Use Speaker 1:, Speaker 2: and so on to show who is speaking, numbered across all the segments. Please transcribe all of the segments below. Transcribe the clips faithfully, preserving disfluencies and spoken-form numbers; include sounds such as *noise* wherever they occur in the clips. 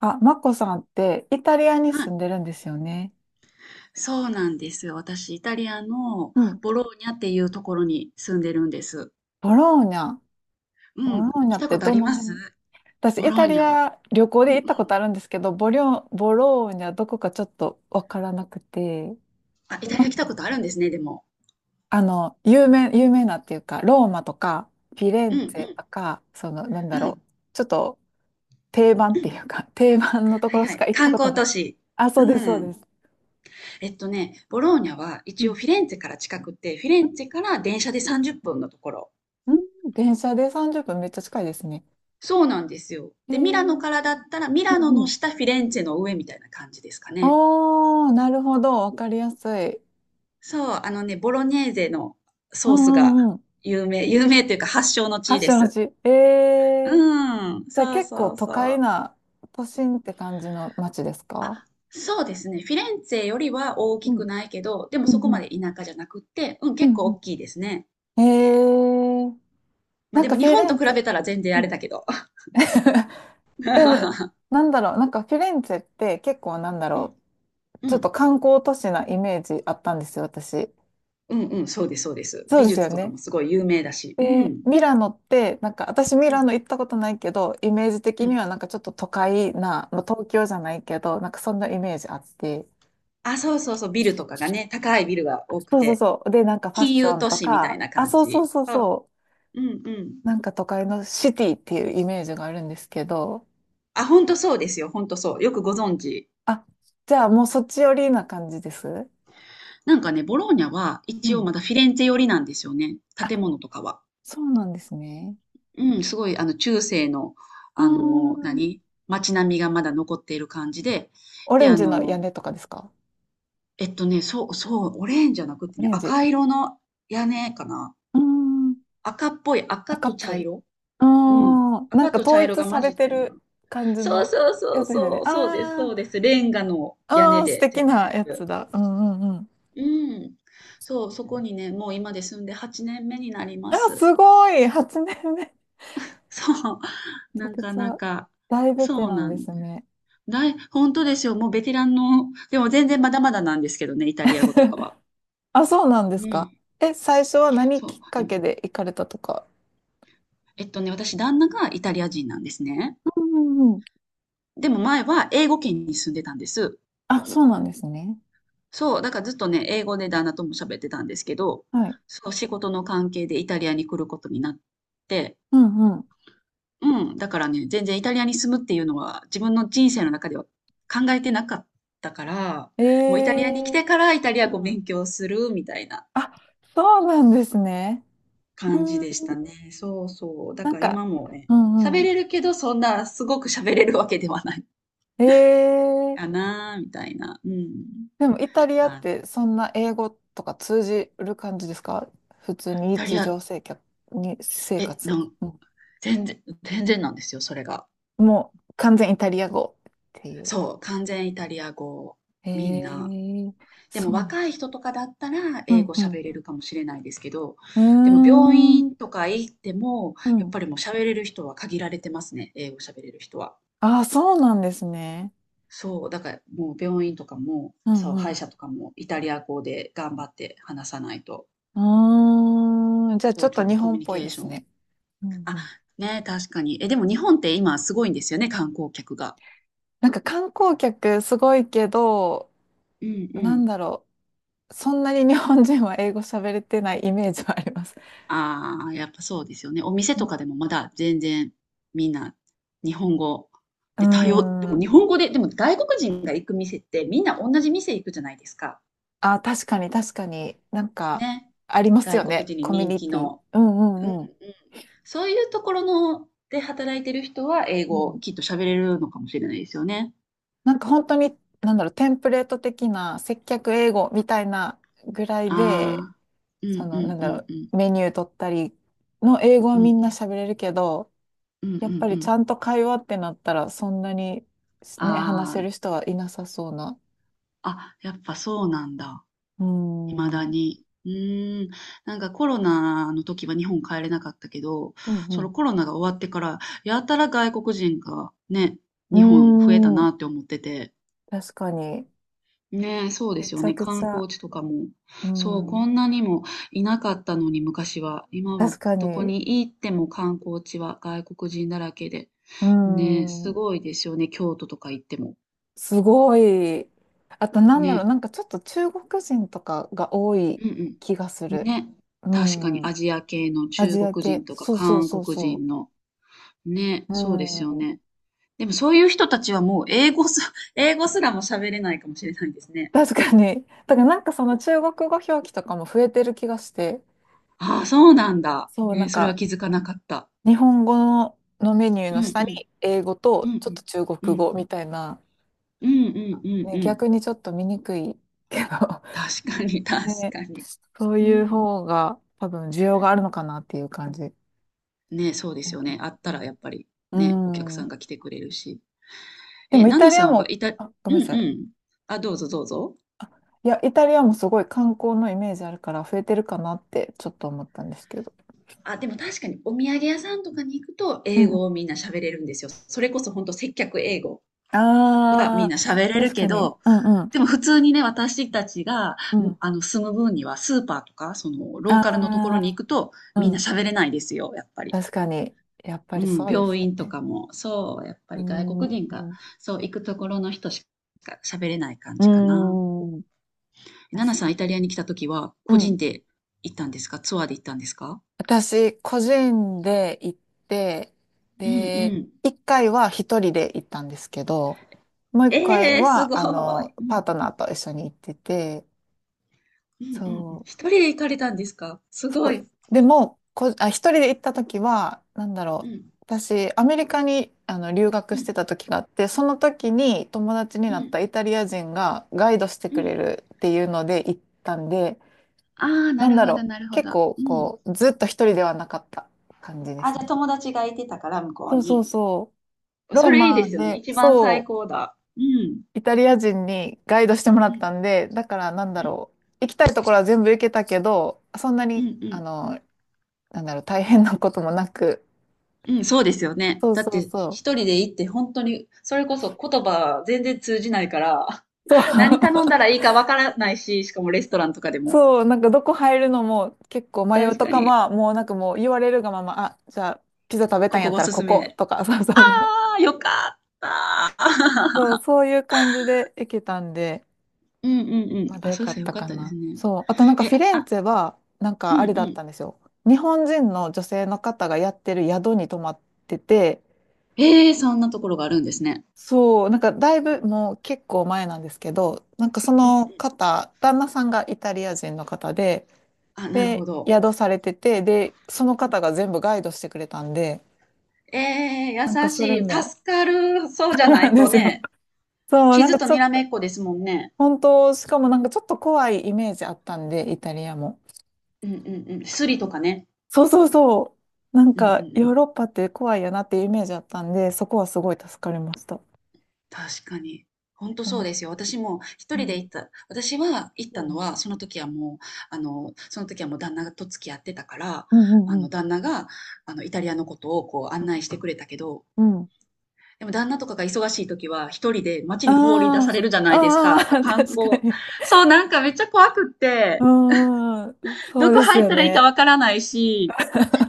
Speaker 1: あ、マコさんってイタリアに
Speaker 2: は
Speaker 1: 住
Speaker 2: い、
Speaker 1: んでるんですよね。
Speaker 2: そうなんですよ。私、イタリアの
Speaker 1: うん。
Speaker 2: ボローニャっていうところに住んでるんです。
Speaker 1: ボローニャ。
Speaker 2: う
Speaker 1: ボ
Speaker 2: ん、
Speaker 1: ローニ
Speaker 2: 来
Speaker 1: ャっ
Speaker 2: た
Speaker 1: て
Speaker 2: ことあ
Speaker 1: ど
Speaker 2: り
Speaker 1: の
Speaker 2: ます
Speaker 1: 辺？私、
Speaker 2: ボ
Speaker 1: イ
Speaker 2: ロ
Speaker 1: タ
Speaker 2: ーニ
Speaker 1: リ
Speaker 2: ャは。
Speaker 1: ア旅行
Speaker 2: うん
Speaker 1: で
Speaker 2: う
Speaker 1: 行ったこ
Speaker 2: ん。
Speaker 1: とあるんですけど、ボリョ、ボローニャどこかちょっとわからなくて、
Speaker 2: あ、イタリア来たことあるんですね、でも。
Speaker 1: あの、有名、有名なっていうか、ローマとか、フィレ
Speaker 2: うん
Speaker 1: ン
Speaker 2: う
Speaker 1: ツェと
Speaker 2: ん。
Speaker 1: か、その、なん
Speaker 2: う
Speaker 1: だろ
Speaker 2: ん。
Speaker 1: う、ちょっと定番
Speaker 2: う
Speaker 1: って
Speaker 2: ん
Speaker 1: いうか、定番のと
Speaker 2: は
Speaker 1: こ
Speaker 2: い
Speaker 1: ろ
Speaker 2: は
Speaker 1: しか
Speaker 2: い。
Speaker 1: 行った
Speaker 2: 観
Speaker 1: こと
Speaker 2: 光
Speaker 1: な
Speaker 2: 都
Speaker 1: くて。
Speaker 2: 市。
Speaker 1: あ、そ
Speaker 2: う
Speaker 1: うです、そうで
Speaker 2: ん。
Speaker 1: す。
Speaker 2: えっとね、ボローニャは
Speaker 1: う
Speaker 2: 一
Speaker 1: ん。
Speaker 2: 応フィレンツェから近くて、フィレンツェから電車でさんじゅっぷんのところ。
Speaker 1: うん、電車でさんじゅっぷんめっちゃ近いですね。
Speaker 2: そうなんですよ。
Speaker 1: えー、
Speaker 2: で、
Speaker 1: う
Speaker 2: ミラノ
Speaker 1: ん
Speaker 2: からだったら、ミラノ
Speaker 1: う
Speaker 2: の
Speaker 1: ん
Speaker 2: 下、フィレンツェの上みたいな感じですかね。
Speaker 1: おー、なるほど。わかりやすい。
Speaker 2: そう、あのね、ボロネーゼの
Speaker 1: う
Speaker 2: ソースが
Speaker 1: んうんうん。
Speaker 2: 有名、有名というか発祥の地
Speaker 1: 発
Speaker 2: で
Speaker 1: 祥の
Speaker 2: す。
Speaker 1: 地。ええ。
Speaker 2: うん、
Speaker 1: じゃあ
Speaker 2: そう
Speaker 1: 結構
Speaker 2: そう
Speaker 1: 都
Speaker 2: そ
Speaker 1: 会
Speaker 2: う。
Speaker 1: な、都心って感じの街ですか？
Speaker 2: あ、そうですね。フィレンツェよりは大
Speaker 1: う
Speaker 2: きく
Speaker 1: ん。
Speaker 2: ないけど、でも
Speaker 1: うん
Speaker 2: そこ
Speaker 1: う
Speaker 2: ま
Speaker 1: ん。
Speaker 2: で田舎じゃなくって、うん、
Speaker 1: う
Speaker 2: 結構大
Speaker 1: ん
Speaker 2: きいですね。
Speaker 1: うんええ。
Speaker 2: まあ
Speaker 1: なん
Speaker 2: で
Speaker 1: か
Speaker 2: も
Speaker 1: フ
Speaker 2: 日
Speaker 1: ィ
Speaker 2: 本
Speaker 1: レ
Speaker 2: と
Speaker 1: ン
Speaker 2: 比
Speaker 1: ツェ、
Speaker 2: べたら全然あ
Speaker 1: う
Speaker 2: れ
Speaker 1: ん、
Speaker 2: だけど。*laughs* う
Speaker 1: なんだろう、なんかフィレンツェって結構なんだ
Speaker 2: ん、
Speaker 1: ろう、
Speaker 2: う
Speaker 1: ちょっと
Speaker 2: ん、
Speaker 1: 観光都市なイメージあったんですよ、私。
Speaker 2: うん、うんそうです、そうです。
Speaker 1: そう
Speaker 2: 美
Speaker 1: です
Speaker 2: 術
Speaker 1: よ
Speaker 2: とか
Speaker 1: ね。
Speaker 2: もすごい有名だし。う
Speaker 1: で、
Speaker 2: ん、
Speaker 1: ミラノって、なんか私ミ
Speaker 2: う
Speaker 1: ラ
Speaker 2: ん、
Speaker 1: ノ行ったことないけど、イメージ
Speaker 2: う
Speaker 1: 的に
Speaker 2: ん。
Speaker 1: はなんかちょっと都会な、まあ、東京じゃないけど、なんかそんなイメージあって。
Speaker 2: あ、そうそうそう、ビルとかがね、高いビルが多く
Speaker 1: そうそう
Speaker 2: て、
Speaker 1: そう。で、なんかファッ
Speaker 2: 金
Speaker 1: シ
Speaker 2: 融
Speaker 1: ョン
Speaker 2: 都
Speaker 1: と
Speaker 2: 市みたい
Speaker 1: か、
Speaker 2: な
Speaker 1: あ、
Speaker 2: 感
Speaker 1: そうそう
Speaker 2: じ。
Speaker 1: そう
Speaker 2: そう、
Speaker 1: そ
Speaker 2: うん、うん。
Speaker 1: う。なんか都会のシティっていうイメージがあるんですけど、
Speaker 2: あ、ほんとそうですよ。ほんとそう。よくご存知。
Speaker 1: あ、じゃあもうそっち寄りな感じです。
Speaker 2: なんかね、ボローニャは
Speaker 1: う
Speaker 2: 一応
Speaker 1: ん。
Speaker 2: まだフィレンツェ寄りなんですよね。建
Speaker 1: あ、
Speaker 2: 物とかは。
Speaker 1: そうなんですね。
Speaker 2: うん、すごい、あの、中世の、
Speaker 1: う
Speaker 2: あ
Speaker 1: ー
Speaker 2: の、
Speaker 1: ん。
Speaker 2: 何街並みがまだ残っている感じで。
Speaker 1: オ
Speaker 2: で、
Speaker 1: レン
Speaker 2: あ
Speaker 1: ジの
Speaker 2: の、
Speaker 1: 屋根とかですか？
Speaker 2: えっとね、そう、そう、オレンジじゃなくて
Speaker 1: オ
Speaker 2: ね、
Speaker 1: レンジ。う
Speaker 2: 赤色の屋根かな。
Speaker 1: ーん。
Speaker 2: 赤っぽい、赤
Speaker 1: 赤
Speaker 2: と
Speaker 1: っぽ
Speaker 2: 茶
Speaker 1: い。
Speaker 2: 色。
Speaker 1: あ
Speaker 2: うん。
Speaker 1: あ、なん
Speaker 2: 赤
Speaker 1: か
Speaker 2: と
Speaker 1: 統
Speaker 2: 茶色
Speaker 1: 一
Speaker 2: が
Speaker 1: さ
Speaker 2: 混じ
Speaker 1: れ
Speaker 2: っ
Speaker 1: て
Speaker 2: たような。
Speaker 1: る感じ
Speaker 2: そう
Speaker 1: の
Speaker 2: そうそ
Speaker 1: や
Speaker 2: う
Speaker 1: つですよ
Speaker 2: そ
Speaker 1: ね。
Speaker 2: う、そうです、
Speaker 1: あ
Speaker 2: そうです。レンガの屋
Speaker 1: ああ
Speaker 2: 根
Speaker 1: あ素
Speaker 2: で、
Speaker 1: 敵
Speaker 2: 全
Speaker 1: なやつ
Speaker 2: 部。
Speaker 1: だ。うんうんうん。
Speaker 2: うん。そう、そこにね、もう今で住んではちねんめになりま
Speaker 1: あ、
Speaker 2: す。
Speaker 1: すごい！ はちねんめ 年目。め
Speaker 2: *laughs* そう、
Speaker 1: ちゃ
Speaker 2: な
Speaker 1: く
Speaker 2: か
Speaker 1: ち
Speaker 2: な
Speaker 1: ゃ
Speaker 2: か。
Speaker 1: 大ベテ
Speaker 2: そう
Speaker 1: ラン
Speaker 2: な
Speaker 1: で
Speaker 2: ん
Speaker 1: す
Speaker 2: です
Speaker 1: ね。
Speaker 2: だい本当ですよ、もうベテランのでも全然まだまだなんですけどね、イタリア語とかは。
Speaker 1: *laughs* あ、そうなんで
Speaker 2: う
Speaker 1: すか。
Speaker 2: ん。
Speaker 1: え、最初は何
Speaker 2: そ
Speaker 1: き
Speaker 2: う、
Speaker 1: っか
Speaker 2: でも、
Speaker 1: けで行かれたとか。
Speaker 2: えっとね、私旦那がイタリア人なんですね。
Speaker 1: うんうんうん。
Speaker 2: でも前は英語圏に住んでたんです。
Speaker 1: あ、そうなんですね。
Speaker 2: そう、だからずっとね、英語で旦那とも喋ってたんですけど、
Speaker 1: はい。
Speaker 2: そう、仕事の関係でイタリアに来ることになって、
Speaker 1: うんうん。
Speaker 2: うん、だからね、全然イタリアに住むっていうのは自分の人生の中では考えてなかったから、
Speaker 1: え
Speaker 2: もうイタリアに来
Speaker 1: え。
Speaker 2: てからイタリア語
Speaker 1: うん。
Speaker 2: 勉強するみたいな
Speaker 1: あ、そうなんですね。
Speaker 2: 感じ
Speaker 1: うん、
Speaker 2: でしたね。そうそう。だ
Speaker 1: なん
Speaker 2: から
Speaker 1: か、
Speaker 2: 今もね、
Speaker 1: うんう
Speaker 2: 喋
Speaker 1: ん。
Speaker 2: れるけどそんなすごく喋れるわけではない
Speaker 1: え
Speaker 2: か
Speaker 1: え。
Speaker 2: な、みたいな。うん。
Speaker 1: でもイタリアっ
Speaker 2: あ、
Speaker 1: てそんな英語とか通じる感じですか？普通に
Speaker 2: イタリ
Speaker 1: 日
Speaker 2: ア、
Speaker 1: 常生活、に生
Speaker 2: え、な
Speaker 1: 活。
Speaker 2: ん、
Speaker 1: うん。
Speaker 2: 全然、全然なんですよ、それが。
Speaker 1: もう完全イタリア語っていう。
Speaker 2: そう、完全イタリア語。
Speaker 1: へ
Speaker 2: みんな。
Speaker 1: え、
Speaker 2: で
Speaker 1: そ
Speaker 2: も
Speaker 1: うなん。
Speaker 2: 若い人とかだったら
Speaker 1: う
Speaker 2: 英語
Speaker 1: ん
Speaker 2: 喋れるかもしれないですけど、
Speaker 1: う
Speaker 2: でも病
Speaker 1: ん。うーん。
Speaker 2: 院とか行っても、
Speaker 1: う
Speaker 2: やっ
Speaker 1: ん。
Speaker 2: ぱりもう喋れる人は限られてますね、英語喋れる人は。
Speaker 1: ああ、そうなんですね。
Speaker 2: そう、だからもう病院とかも、
Speaker 1: うん
Speaker 2: そう、
Speaker 1: う
Speaker 2: 歯医
Speaker 1: ん。
Speaker 2: 者とかもイタリア語で頑張って話さないと、
Speaker 1: うーん。じゃあち
Speaker 2: そ
Speaker 1: ょ
Speaker 2: う、
Speaker 1: っ
Speaker 2: ちょ
Speaker 1: と
Speaker 2: っ
Speaker 1: 日
Speaker 2: とコミ
Speaker 1: 本
Speaker 2: ュ
Speaker 1: っ
Speaker 2: ニ
Speaker 1: ぽい
Speaker 2: ケー
Speaker 1: で
Speaker 2: シ
Speaker 1: す
Speaker 2: ョン。
Speaker 1: ね。うんう
Speaker 2: あ、
Speaker 1: ん。
Speaker 2: ね、確かに。え、でも日本って今すごいんですよね、観光客が。
Speaker 1: なんか観光客すごいけど、
Speaker 2: うんう
Speaker 1: なん
Speaker 2: ん。
Speaker 1: だろう。そんなに日本人は英語喋れてないイメージはあります。
Speaker 2: ああ、やっぱそうですよね。お店とかでもまだ全然みんな日本語
Speaker 1: う
Speaker 2: で対応で
Speaker 1: ー
Speaker 2: も
Speaker 1: ん。
Speaker 2: 日本語で、でも外国人が行く店ってみんな同じ店行くじゃないですか。
Speaker 1: あ、確かに確かに、なんか
Speaker 2: ね。
Speaker 1: あります
Speaker 2: 外
Speaker 1: よ
Speaker 2: 国
Speaker 1: ね。
Speaker 2: 人に
Speaker 1: コミュ
Speaker 2: 人
Speaker 1: ニ
Speaker 2: 気
Speaker 1: ティ。
Speaker 2: の。
Speaker 1: うんうんうん。
Speaker 2: うん。そういうところので働いてる人は英
Speaker 1: う
Speaker 2: 語を
Speaker 1: ん。
Speaker 2: きっと喋れるのかもしれないですよね。
Speaker 1: なんか本当に、なんだろう、テンプレート的な接客英語みたいなぐらいで、
Speaker 2: ああ。う
Speaker 1: そ
Speaker 2: んう
Speaker 1: の、な
Speaker 2: ん
Speaker 1: ん
Speaker 2: う
Speaker 1: だろ
Speaker 2: んうん。
Speaker 1: う、メニュー取ったりの英語
Speaker 2: う
Speaker 1: は
Speaker 2: んう
Speaker 1: みんな
Speaker 2: ん。
Speaker 1: 喋れるけど、
Speaker 2: うんう
Speaker 1: やっぱ
Speaker 2: んう
Speaker 1: りち
Speaker 2: ん。
Speaker 1: ゃんと会話ってなったらそんなに、ね、話
Speaker 2: あ
Speaker 1: せる人はいなさそうな。
Speaker 2: あ、あ、やっぱそうなんだ。
Speaker 1: うー
Speaker 2: 未だ
Speaker 1: ん。うん
Speaker 2: に。うーん、なんかコロナの時は日本帰れなかったけど、そ
Speaker 1: う
Speaker 2: のコロナが終わってから、やたら外国人がね、日本増えた
Speaker 1: ん。うーん。
Speaker 2: なって思ってて。
Speaker 1: 確かに。
Speaker 2: ねえ、そうで
Speaker 1: め
Speaker 2: すよ
Speaker 1: ちゃ
Speaker 2: ね。
Speaker 1: く
Speaker 2: 観
Speaker 1: ちゃ。
Speaker 2: 光地とかも。
Speaker 1: うー
Speaker 2: そう、こん
Speaker 1: ん。
Speaker 2: なにもいなかったのに昔は。今は
Speaker 1: 確か
Speaker 2: どこ
Speaker 1: に。
Speaker 2: に行っても観光地は外国人だらけで。
Speaker 1: う
Speaker 2: ねえ、す
Speaker 1: ん。
Speaker 2: ごいですよね。京都とか行っても。
Speaker 1: すごい。あと、なんだろう、
Speaker 2: ね。
Speaker 1: なんかちょっと中国人とかが多い
Speaker 2: うん
Speaker 1: 気がす
Speaker 2: うん。
Speaker 1: る。
Speaker 2: ね。
Speaker 1: う
Speaker 2: 確かにア
Speaker 1: ん。
Speaker 2: ジア系の
Speaker 1: ア
Speaker 2: 中
Speaker 1: ジア
Speaker 2: 国
Speaker 1: 系。
Speaker 2: 人とか
Speaker 1: そうそう
Speaker 2: 韓
Speaker 1: そう
Speaker 2: 国
Speaker 1: そ
Speaker 2: 人の。ね。
Speaker 1: う。
Speaker 2: そうで
Speaker 1: う
Speaker 2: すよ
Speaker 1: ん。
Speaker 2: ね。でもそういう人たちはもう英語す、*laughs* 英語すらも喋れないかもしれないですね。
Speaker 1: 確かに。だからなんかその中国語表記とかも増えてる気がして。
Speaker 2: ああ、そうなんだ。
Speaker 1: そう、な
Speaker 2: えー、
Speaker 1: ん
Speaker 2: それは
Speaker 1: か
Speaker 2: 気づかなかった。
Speaker 1: 日本語の、のメニュー
Speaker 2: う
Speaker 1: の
Speaker 2: ん
Speaker 1: 下
Speaker 2: う
Speaker 1: に
Speaker 2: ん。
Speaker 1: 英語
Speaker 2: う
Speaker 1: と
Speaker 2: んう
Speaker 1: ちょっと
Speaker 2: ん。
Speaker 1: 中
Speaker 2: う
Speaker 1: 国語
Speaker 2: ん
Speaker 1: みたいな。
Speaker 2: うんうんうん
Speaker 1: ね、
Speaker 2: うん。
Speaker 1: 逆にちょっと見にくいけど。
Speaker 2: 確かに、確
Speaker 1: ね、
Speaker 2: かに。
Speaker 1: そう
Speaker 2: う
Speaker 1: いう
Speaker 2: ん。
Speaker 1: 方が多分需要があるのかなっていう感じ。だけ
Speaker 2: ね、そうですよね。
Speaker 1: ど。
Speaker 2: あったらやっぱり
Speaker 1: う
Speaker 2: ね、お客
Speaker 1: ん。う
Speaker 2: さん
Speaker 1: ん。
Speaker 2: が来てくれるし。
Speaker 1: で
Speaker 2: え、
Speaker 1: もイ
Speaker 2: ナ
Speaker 1: タ
Speaker 2: ナ
Speaker 1: リ
Speaker 2: さ
Speaker 1: ア
Speaker 2: んは
Speaker 1: も、
Speaker 2: イタ、う
Speaker 1: あ、ご
Speaker 2: ん
Speaker 1: めんなさ
Speaker 2: う
Speaker 1: い。
Speaker 2: ん。あ、どうぞどうぞ。
Speaker 1: あ、いや、イタリアもすごい観光のイメージあるから増えてるかなってちょっと思ったんですけど。
Speaker 2: あ、でも確かにお土産屋さんとかに行くと
Speaker 1: う
Speaker 2: 英
Speaker 1: んう
Speaker 2: 語を
Speaker 1: ん。
Speaker 2: みんな喋れるんですよ。それこそ本当接客英語はみん
Speaker 1: ああ、
Speaker 2: な喋れる
Speaker 1: 確か
Speaker 2: け
Speaker 1: に。
Speaker 2: ど、
Speaker 1: うんうん。
Speaker 2: でも普通にね、私たちが、
Speaker 1: う
Speaker 2: ん
Speaker 1: ん。
Speaker 2: あの、住む分にはスーパーとか、その、ローカルのところに
Speaker 1: あ
Speaker 2: 行くと
Speaker 1: あ、
Speaker 2: み
Speaker 1: う
Speaker 2: んな
Speaker 1: ん。
Speaker 2: 喋れないですよ、やっぱり。
Speaker 1: 確かに。やっぱ
Speaker 2: う
Speaker 1: り
Speaker 2: ん、
Speaker 1: そうです
Speaker 2: 病
Speaker 1: よ
Speaker 2: 院と
Speaker 1: ね。
Speaker 2: かも、そう、やっぱ
Speaker 1: うー
Speaker 2: り外国人が、
Speaker 1: ん。
Speaker 2: そう、行くところの人しか喋れない感
Speaker 1: うー
Speaker 2: じかな。
Speaker 1: ん。
Speaker 2: ナ
Speaker 1: 確
Speaker 2: ナ
Speaker 1: か
Speaker 2: さん、
Speaker 1: に。
Speaker 2: イタリアに来た時は、
Speaker 1: う
Speaker 2: 個
Speaker 1: ん。
Speaker 2: 人で行ったんですかツアーで行ったんですか
Speaker 1: 私、個人で行って、
Speaker 2: うんう
Speaker 1: で、
Speaker 2: ん。
Speaker 1: 一回は一人で行ったんですけど、もう一回
Speaker 2: ええーす
Speaker 1: は、
Speaker 2: ご
Speaker 1: あ
Speaker 2: い。
Speaker 1: の、
Speaker 2: う
Speaker 1: パ
Speaker 2: ん
Speaker 1: ートナーと一緒に行ってて、
Speaker 2: うんうんうん。
Speaker 1: そ
Speaker 2: 一人で行かれたんですか？す
Speaker 1: う、
Speaker 2: ご
Speaker 1: そう、
Speaker 2: い。
Speaker 1: でも、こ、あ、一人で行った時は、なんだ
Speaker 2: う
Speaker 1: ろ
Speaker 2: ん。
Speaker 1: う、私、アメリカに、あの、留学
Speaker 2: う
Speaker 1: して
Speaker 2: ん。
Speaker 1: た時があって、その時に友達に
Speaker 2: う
Speaker 1: なっ
Speaker 2: ん。
Speaker 1: たイタリア人がガイドして
Speaker 2: う
Speaker 1: くれ
Speaker 2: ん。
Speaker 1: るっていうので行ったんで、
Speaker 2: ああ、な
Speaker 1: なん
Speaker 2: る
Speaker 1: だ
Speaker 2: ほど
Speaker 1: ろう、
Speaker 2: なるほ
Speaker 1: 結
Speaker 2: ど。
Speaker 1: 構、
Speaker 2: うん。
Speaker 1: こう、ずっと一人ではなかった感じで
Speaker 2: あ、
Speaker 1: す
Speaker 2: じゃ、
Speaker 1: ね。
Speaker 2: 友達がいてたから、向こ
Speaker 1: そ
Speaker 2: う
Speaker 1: うそう
Speaker 2: に。
Speaker 1: そう。ロ
Speaker 2: そ
Speaker 1: ー
Speaker 2: れいいで
Speaker 1: マ
Speaker 2: すよね。
Speaker 1: で、
Speaker 2: 一番最
Speaker 1: そ
Speaker 2: 高だ。うん。
Speaker 1: う、イタリア人にガイドしてもら
Speaker 2: う
Speaker 1: っ
Speaker 2: ん。
Speaker 1: たんで、だからなんだ
Speaker 2: うん。
Speaker 1: ろう、行きたいところは全部行けたけど、そんな
Speaker 2: うん
Speaker 1: に、
Speaker 2: う
Speaker 1: あ
Speaker 2: ん。
Speaker 1: の、なんだろう、大変なこともなく、
Speaker 2: うん、そうですよね。
Speaker 1: そう
Speaker 2: だっ
Speaker 1: そ
Speaker 2: て、
Speaker 1: うそ
Speaker 2: 一
Speaker 1: う、
Speaker 2: 人で行って本当に、それこそ言葉全然通じないから、*laughs*
Speaker 1: そう、
Speaker 2: 何頼んだ
Speaker 1: *laughs*
Speaker 2: らいいかわからないし、しかもレストランとかでも。
Speaker 1: そう、なんかどこ入るのも結構迷う
Speaker 2: 確
Speaker 1: と
Speaker 2: か
Speaker 1: か、
Speaker 2: に、
Speaker 1: まあ、もうなんかもう言われるがまま、あ、じゃあ、ピザ食べた
Speaker 2: こ
Speaker 1: んや
Speaker 2: こ
Speaker 1: っ
Speaker 2: お
Speaker 1: たら
Speaker 2: す
Speaker 1: こ
Speaker 2: す
Speaker 1: こ
Speaker 2: め。
Speaker 1: とか、そうそう
Speaker 2: あ
Speaker 1: そう、
Speaker 2: あ、よかった。
Speaker 1: そう、そういう感じで行けたんで、
Speaker 2: うんうんうん。
Speaker 1: まだ
Speaker 2: あ、
Speaker 1: よ
Speaker 2: そう
Speaker 1: か
Speaker 2: した
Speaker 1: っ
Speaker 2: らよ
Speaker 1: た
Speaker 2: かっ
Speaker 1: か
Speaker 2: たです
Speaker 1: な。
Speaker 2: ね。
Speaker 1: そう。あとなんか
Speaker 2: え、
Speaker 1: フィレン
Speaker 2: あ、
Speaker 1: ツェは、なんか
Speaker 2: うん
Speaker 1: あれ
Speaker 2: う
Speaker 1: だっ
Speaker 2: ん。
Speaker 1: たんですよ。日本人の女性の方がやってる宿に泊まってて、
Speaker 2: ええ、そんなところがあるんですね。
Speaker 1: そう、なんかだいぶもう結構前なんですけど、なんかそ
Speaker 2: う
Speaker 1: の
Speaker 2: ん。
Speaker 1: 方、旦那さんがイタリア人の方で、
Speaker 2: あ、なるほ
Speaker 1: で、
Speaker 2: ど。
Speaker 1: 宿されてて、で、その
Speaker 2: うん。
Speaker 1: 方が全部ガイドしてくれたんで、
Speaker 2: ええ、優
Speaker 1: なんかそれ
Speaker 2: しい。助
Speaker 1: も、
Speaker 2: かる。そうじ
Speaker 1: *laughs*
Speaker 2: ゃな
Speaker 1: なん
Speaker 2: い
Speaker 1: で
Speaker 2: と
Speaker 1: すよ。
Speaker 2: ね、
Speaker 1: そう、なん
Speaker 2: 傷
Speaker 1: か
Speaker 2: と
Speaker 1: ちょ
Speaker 2: にら
Speaker 1: っ
Speaker 2: め
Speaker 1: と、
Speaker 2: っこですもんね。
Speaker 1: 本当、しかもなんかちょっと怖いイメージあったんで、イタリアも。
Speaker 2: うんうんうん。スリとかね。
Speaker 1: そうそうそう。なん
Speaker 2: うんうんう
Speaker 1: か、ヨー
Speaker 2: ん。
Speaker 1: ロッパって怖いやなっていうイメージあったんで、そこはすごい助かりました。
Speaker 2: 確かに。ほんと
Speaker 1: う
Speaker 2: そうです
Speaker 1: ん。
Speaker 2: よ。私も一
Speaker 1: う
Speaker 2: 人で
Speaker 1: ん。
Speaker 2: 行った私は行ったの
Speaker 1: そ
Speaker 2: は、その時はもう、あの、その時はもう旦那と付き合ってたから、
Speaker 1: うんう
Speaker 2: あ
Speaker 1: んう
Speaker 2: の、
Speaker 1: ん
Speaker 2: 旦那が、あの、イタリアのことをこう
Speaker 1: う
Speaker 2: 案内してくれたけど
Speaker 1: ん。うん。
Speaker 2: でも旦那とかが忙しい時は一人で街に放り出
Speaker 1: あ
Speaker 2: さ
Speaker 1: ー
Speaker 2: れるじゃないです
Speaker 1: あ
Speaker 2: か。
Speaker 1: ー、*laughs*
Speaker 2: 観
Speaker 1: 確か
Speaker 2: 光。
Speaker 1: に。
Speaker 2: そう、なんかめっちゃ怖くっ
Speaker 1: う
Speaker 2: て、
Speaker 1: ん、そ
Speaker 2: ど
Speaker 1: う
Speaker 2: こ
Speaker 1: です
Speaker 2: 入っ
Speaker 1: よ
Speaker 2: たらいいか
Speaker 1: ね。
Speaker 2: わからないし、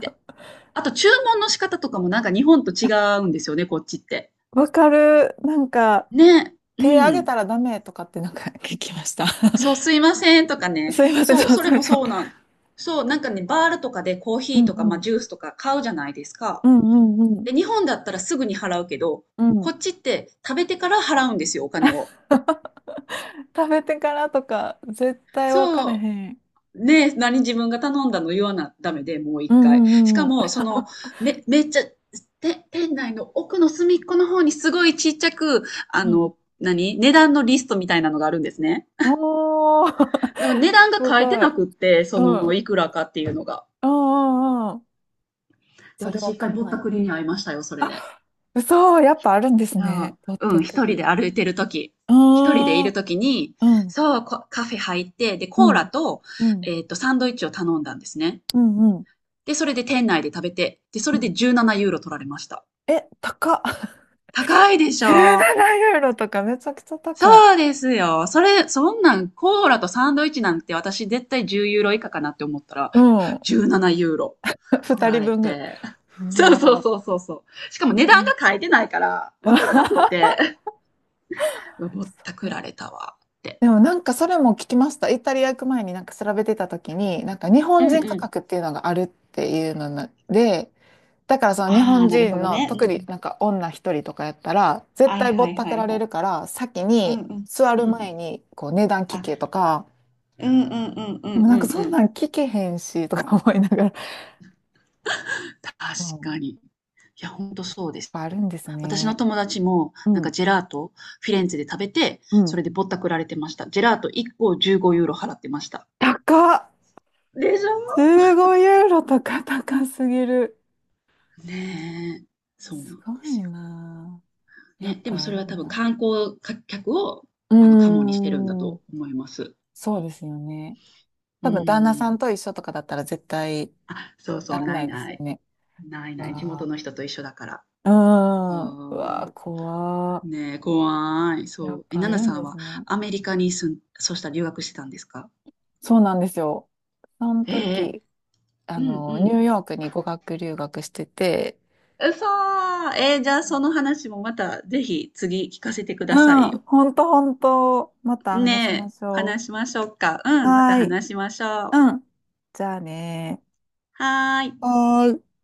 Speaker 2: で、あと注文の仕方とかもなんか日本と違うんですよね、こっちって。
Speaker 1: わかる。なんか、
Speaker 2: ね。う
Speaker 1: 手あげた
Speaker 2: ん。
Speaker 1: らダメとかってなんか聞きました。*laughs*
Speaker 2: そう、すいませんとかね。
Speaker 1: すいません、
Speaker 2: そう、
Speaker 1: そう
Speaker 2: それ
Speaker 1: そう
Speaker 2: も
Speaker 1: そう。
Speaker 2: そうなん。そう、なんかね、バールとかでコー
Speaker 1: う
Speaker 2: ヒ
Speaker 1: ん
Speaker 2: ーとか、
Speaker 1: う
Speaker 2: まあ、
Speaker 1: ん。
Speaker 2: ジュースとか買うじゃないですか。
Speaker 1: うんうんうん。
Speaker 2: で、日本だったらすぐに払うけど、
Speaker 1: う
Speaker 2: こ
Speaker 1: ん。
Speaker 2: っちって食べてから払うんですよ、お金を。
Speaker 1: *laughs* 食べてからとか、絶対わから
Speaker 2: そ
Speaker 1: へん。
Speaker 2: う。ね、何自分が頼んだの言わなダメで、もう
Speaker 1: う
Speaker 2: 一
Speaker 1: ん
Speaker 2: 回。
Speaker 1: う
Speaker 2: し
Speaker 1: んうん
Speaker 2: か
Speaker 1: うん。
Speaker 2: も、その、め、めっちゃ、て、店内の奥の隅っこの方にすごいちっちゃく、あ
Speaker 1: うん。
Speaker 2: の、何値段のリストみたいなのがあるんですね。
Speaker 1: おー、
Speaker 2: だか
Speaker 1: *laughs*
Speaker 2: ら値段が
Speaker 1: す
Speaker 2: 書いて
Speaker 1: ご
Speaker 2: な
Speaker 1: い。
Speaker 2: くって、そ
Speaker 1: うん。う
Speaker 2: の、
Speaker 1: ん
Speaker 2: いくらかっていうのが。
Speaker 1: うんうん。
Speaker 2: で、
Speaker 1: それ
Speaker 2: 私
Speaker 1: わ
Speaker 2: 一
Speaker 1: か
Speaker 2: 回
Speaker 1: ん
Speaker 2: ぼっ
Speaker 1: な
Speaker 2: た
Speaker 1: い。
Speaker 2: くりに会いましたよ、それで。
Speaker 1: あ、嘘、やっぱあるんです
Speaker 2: あ
Speaker 1: ね。
Speaker 2: あ、
Speaker 1: ぼっ
Speaker 2: う
Speaker 1: た
Speaker 2: ん、
Speaker 1: く
Speaker 2: 一人
Speaker 1: り。う
Speaker 2: で歩いてるとき、
Speaker 1: ー
Speaker 2: 一人でいる
Speaker 1: ん。
Speaker 2: ときに、
Speaker 1: うん。
Speaker 2: そう、こカフェ入って、で、
Speaker 1: う
Speaker 2: コー
Speaker 1: ん。う
Speaker 2: ラ
Speaker 1: ん。
Speaker 2: と、
Speaker 1: うん。
Speaker 2: えっと、サンドイッチを頼んだんですね。
Speaker 1: うん
Speaker 2: で、それで店内で食べて、で、そ
Speaker 1: う
Speaker 2: れ
Speaker 1: ん。
Speaker 2: でじゅうななユーロ取られました。
Speaker 1: え、高っ。*laughs*
Speaker 2: 高いでしょ
Speaker 1: じゅうななユーロとかめちゃくちゃ高い。
Speaker 2: そうですよ。それ、そんなん、コーラとサンドイッチなんて私絶対じゅうユーロ以下かなって思ったら、
Speaker 1: うん。
Speaker 2: じゅうななユーロ
Speaker 1: *laughs*
Speaker 2: 取
Speaker 1: 2
Speaker 2: られ
Speaker 1: 人分ぐらい。
Speaker 2: て。*laughs*
Speaker 1: う
Speaker 2: そうそ
Speaker 1: わ
Speaker 2: う
Speaker 1: ー。
Speaker 2: そうそうそう。しかも値
Speaker 1: は
Speaker 2: 段
Speaker 1: い。
Speaker 2: が書いてないから、わからなくって、うわぼったくられ
Speaker 1: *laughs*
Speaker 2: たわって。
Speaker 1: でもなんかそれも聞きました。イタリア行く前になんか調べてた時に、なんか日
Speaker 2: う
Speaker 1: 本
Speaker 2: ん
Speaker 1: 人価
Speaker 2: うん。
Speaker 1: 格っていうのがあるっていうのなで、だからその日
Speaker 2: あ
Speaker 1: 本
Speaker 2: あ、なるほ
Speaker 1: 人
Speaker 2: ど
Speaker 1: の
Speaker 2: ね。う
Speaker 1: 特
Speaker 2: んう
Speaker 1: に
Speaker 2: ん。
Speaker 1: なんか女一人とかやったら絶
Speaker 2: はい
Speaker 1: 対ぼ
Speaker 2: は
Speaker 1: っ
Speaker 2: い
Speaker 1: た
Speaker 2: は
Speaker 1: くら
Speaker 2: いは
Speaker 1: れ
Speaker 2: い。
Speaker 1: るから先
Speaker 2: うん
Speaker 1: に
Speaker 2: うん。
Speaker 1: 座
Speaker 2: う
Speaker 1: る
Speaker 2: ん。
Speaker 1: 前にこう値段聞
Speaker 2: あ、
Speaker 1: けとか、
Speaker 2: うんうんうんう
Speaker 1: で
Speaker 2: ん
Speaker 1: もな
Speaker 2: う
Speaker 1: んか
Speaker 2: んう
Speaker 1: そん
Speaker 2: ん。
Speaker 1: なん聞けへんしとか思いながら、
Speaker 2: 確
Speaker 1: うん、やっ
Speaker 2: かに。いや、ほんとそうです。
Speaker 1: ぱあるんです
Speaker 2: 私の
Speaker 1: ね。
Speaker 2: 友達も、
Speaker 1: う
Speaker 2: なんか
Speaker 1: ん
Speaker 2: ジェラート、フィレンツェで食べて、
Speaker 1: う
Speaker 2: そ
Speaker 1: ん。
Speaker 2: れでぼったくられてました。ジェラートいっこじゅうごユーロ払ってました。
Speaker 1: 高っ。
Speaker 2: でしょ
Speaker 1: じゅうごユーロとか高すぎる。
Speaker 2: ねえ、そうなん
Speaker 1: すご
Speaker 2: です
Speaker 1: い
Speaker 2: よ。
Speaker 1: な。ぁや
Speaker 2: ね、
Speaker 1: っ
Speaker 2: でも
Speaker 1: ぱ
Speaker 2: そ
Speaker 1: あ
Speaker 2: れ
Speaker 1: る
Speaker 2: は多
Speaker 1: ん
Speaker 2: 分
Speaker 1: だ。
Speaker 2: 観光客を、
Speaker 1: う
Speaker 2: あの、カモにしてるんだ
Speaker 1: ーん、
Speaker 2: と思います。
Speaker 1: そうですよね。
Speaker 2: う
Speaker 1: 多分旦那さん
Speaker 2: ん。
Speaker 1: と一緒とかだったら絶対
Speaker 2: あ、そうそ
Speaker 1: な
Speaker 2: う、
Speaker 1: ら
Speaker 2: な
Speaker 1: な
Speaker 2: い
Speaker 1: いです
Speaker 2: な
Speaker 1: よ
Speaker 2: い。
Speaker 1: ね。
Speaker 2: ないない。地元
Speaker 1: わ、
Speaker 2: の人と一緒だから。
Speaker 1: うん。うわ
Speaker 2: そ
Speaker 1: ー、怖
Speaker 2: う。ねえ、怖い。
Speaker 1: ー。や
Speaker 2: そ
Speaker 1: っ
Speaker 2: う。え、
Speaker 1: ぱ
Speaker 2: ナ
Speaker 1: あ
Speaker 2: ナ
Speaker 1: るん
Speaker 2: さん
Speaker 1: です
Speaker 2: は
Speaker 1: ね。
Speaker 2: アメリカに住ん、そうしたら留学してたんですか
Speaker 1: そうなんですよ。その
Speaker 2: ええ、
Speaker 1: 時、あ
Speaker 2: うんう
Speaker 1: の、ニュ
Speaker 2: ん。
Speaker 1: ーヨークに語学留学してて、
Speaker 2: うそー。えー、じゃあその話もまたぜひ次聞かせてく
Speaker 1: う
Speaker 2: ださい
Speaker 1: ん、
Speaker 2: よ。
Speaker 1: ほんとほんと、また話しま
Speaker 2: ねえ、
Speaker 1: しょ
Speaker 2: 話しましょうか。
Speaker 1: う。
Speaker 2: うん、ま
Speaker 1: は
Speaker 2: た
Speaker 1: ーい。
Speaker 2: 話しましょう。
Speaker 1: うん。じゃあね
Speaker 2: はー
Speaker 1: ー。
Speaker 2: い。
Speaker 1: はーい。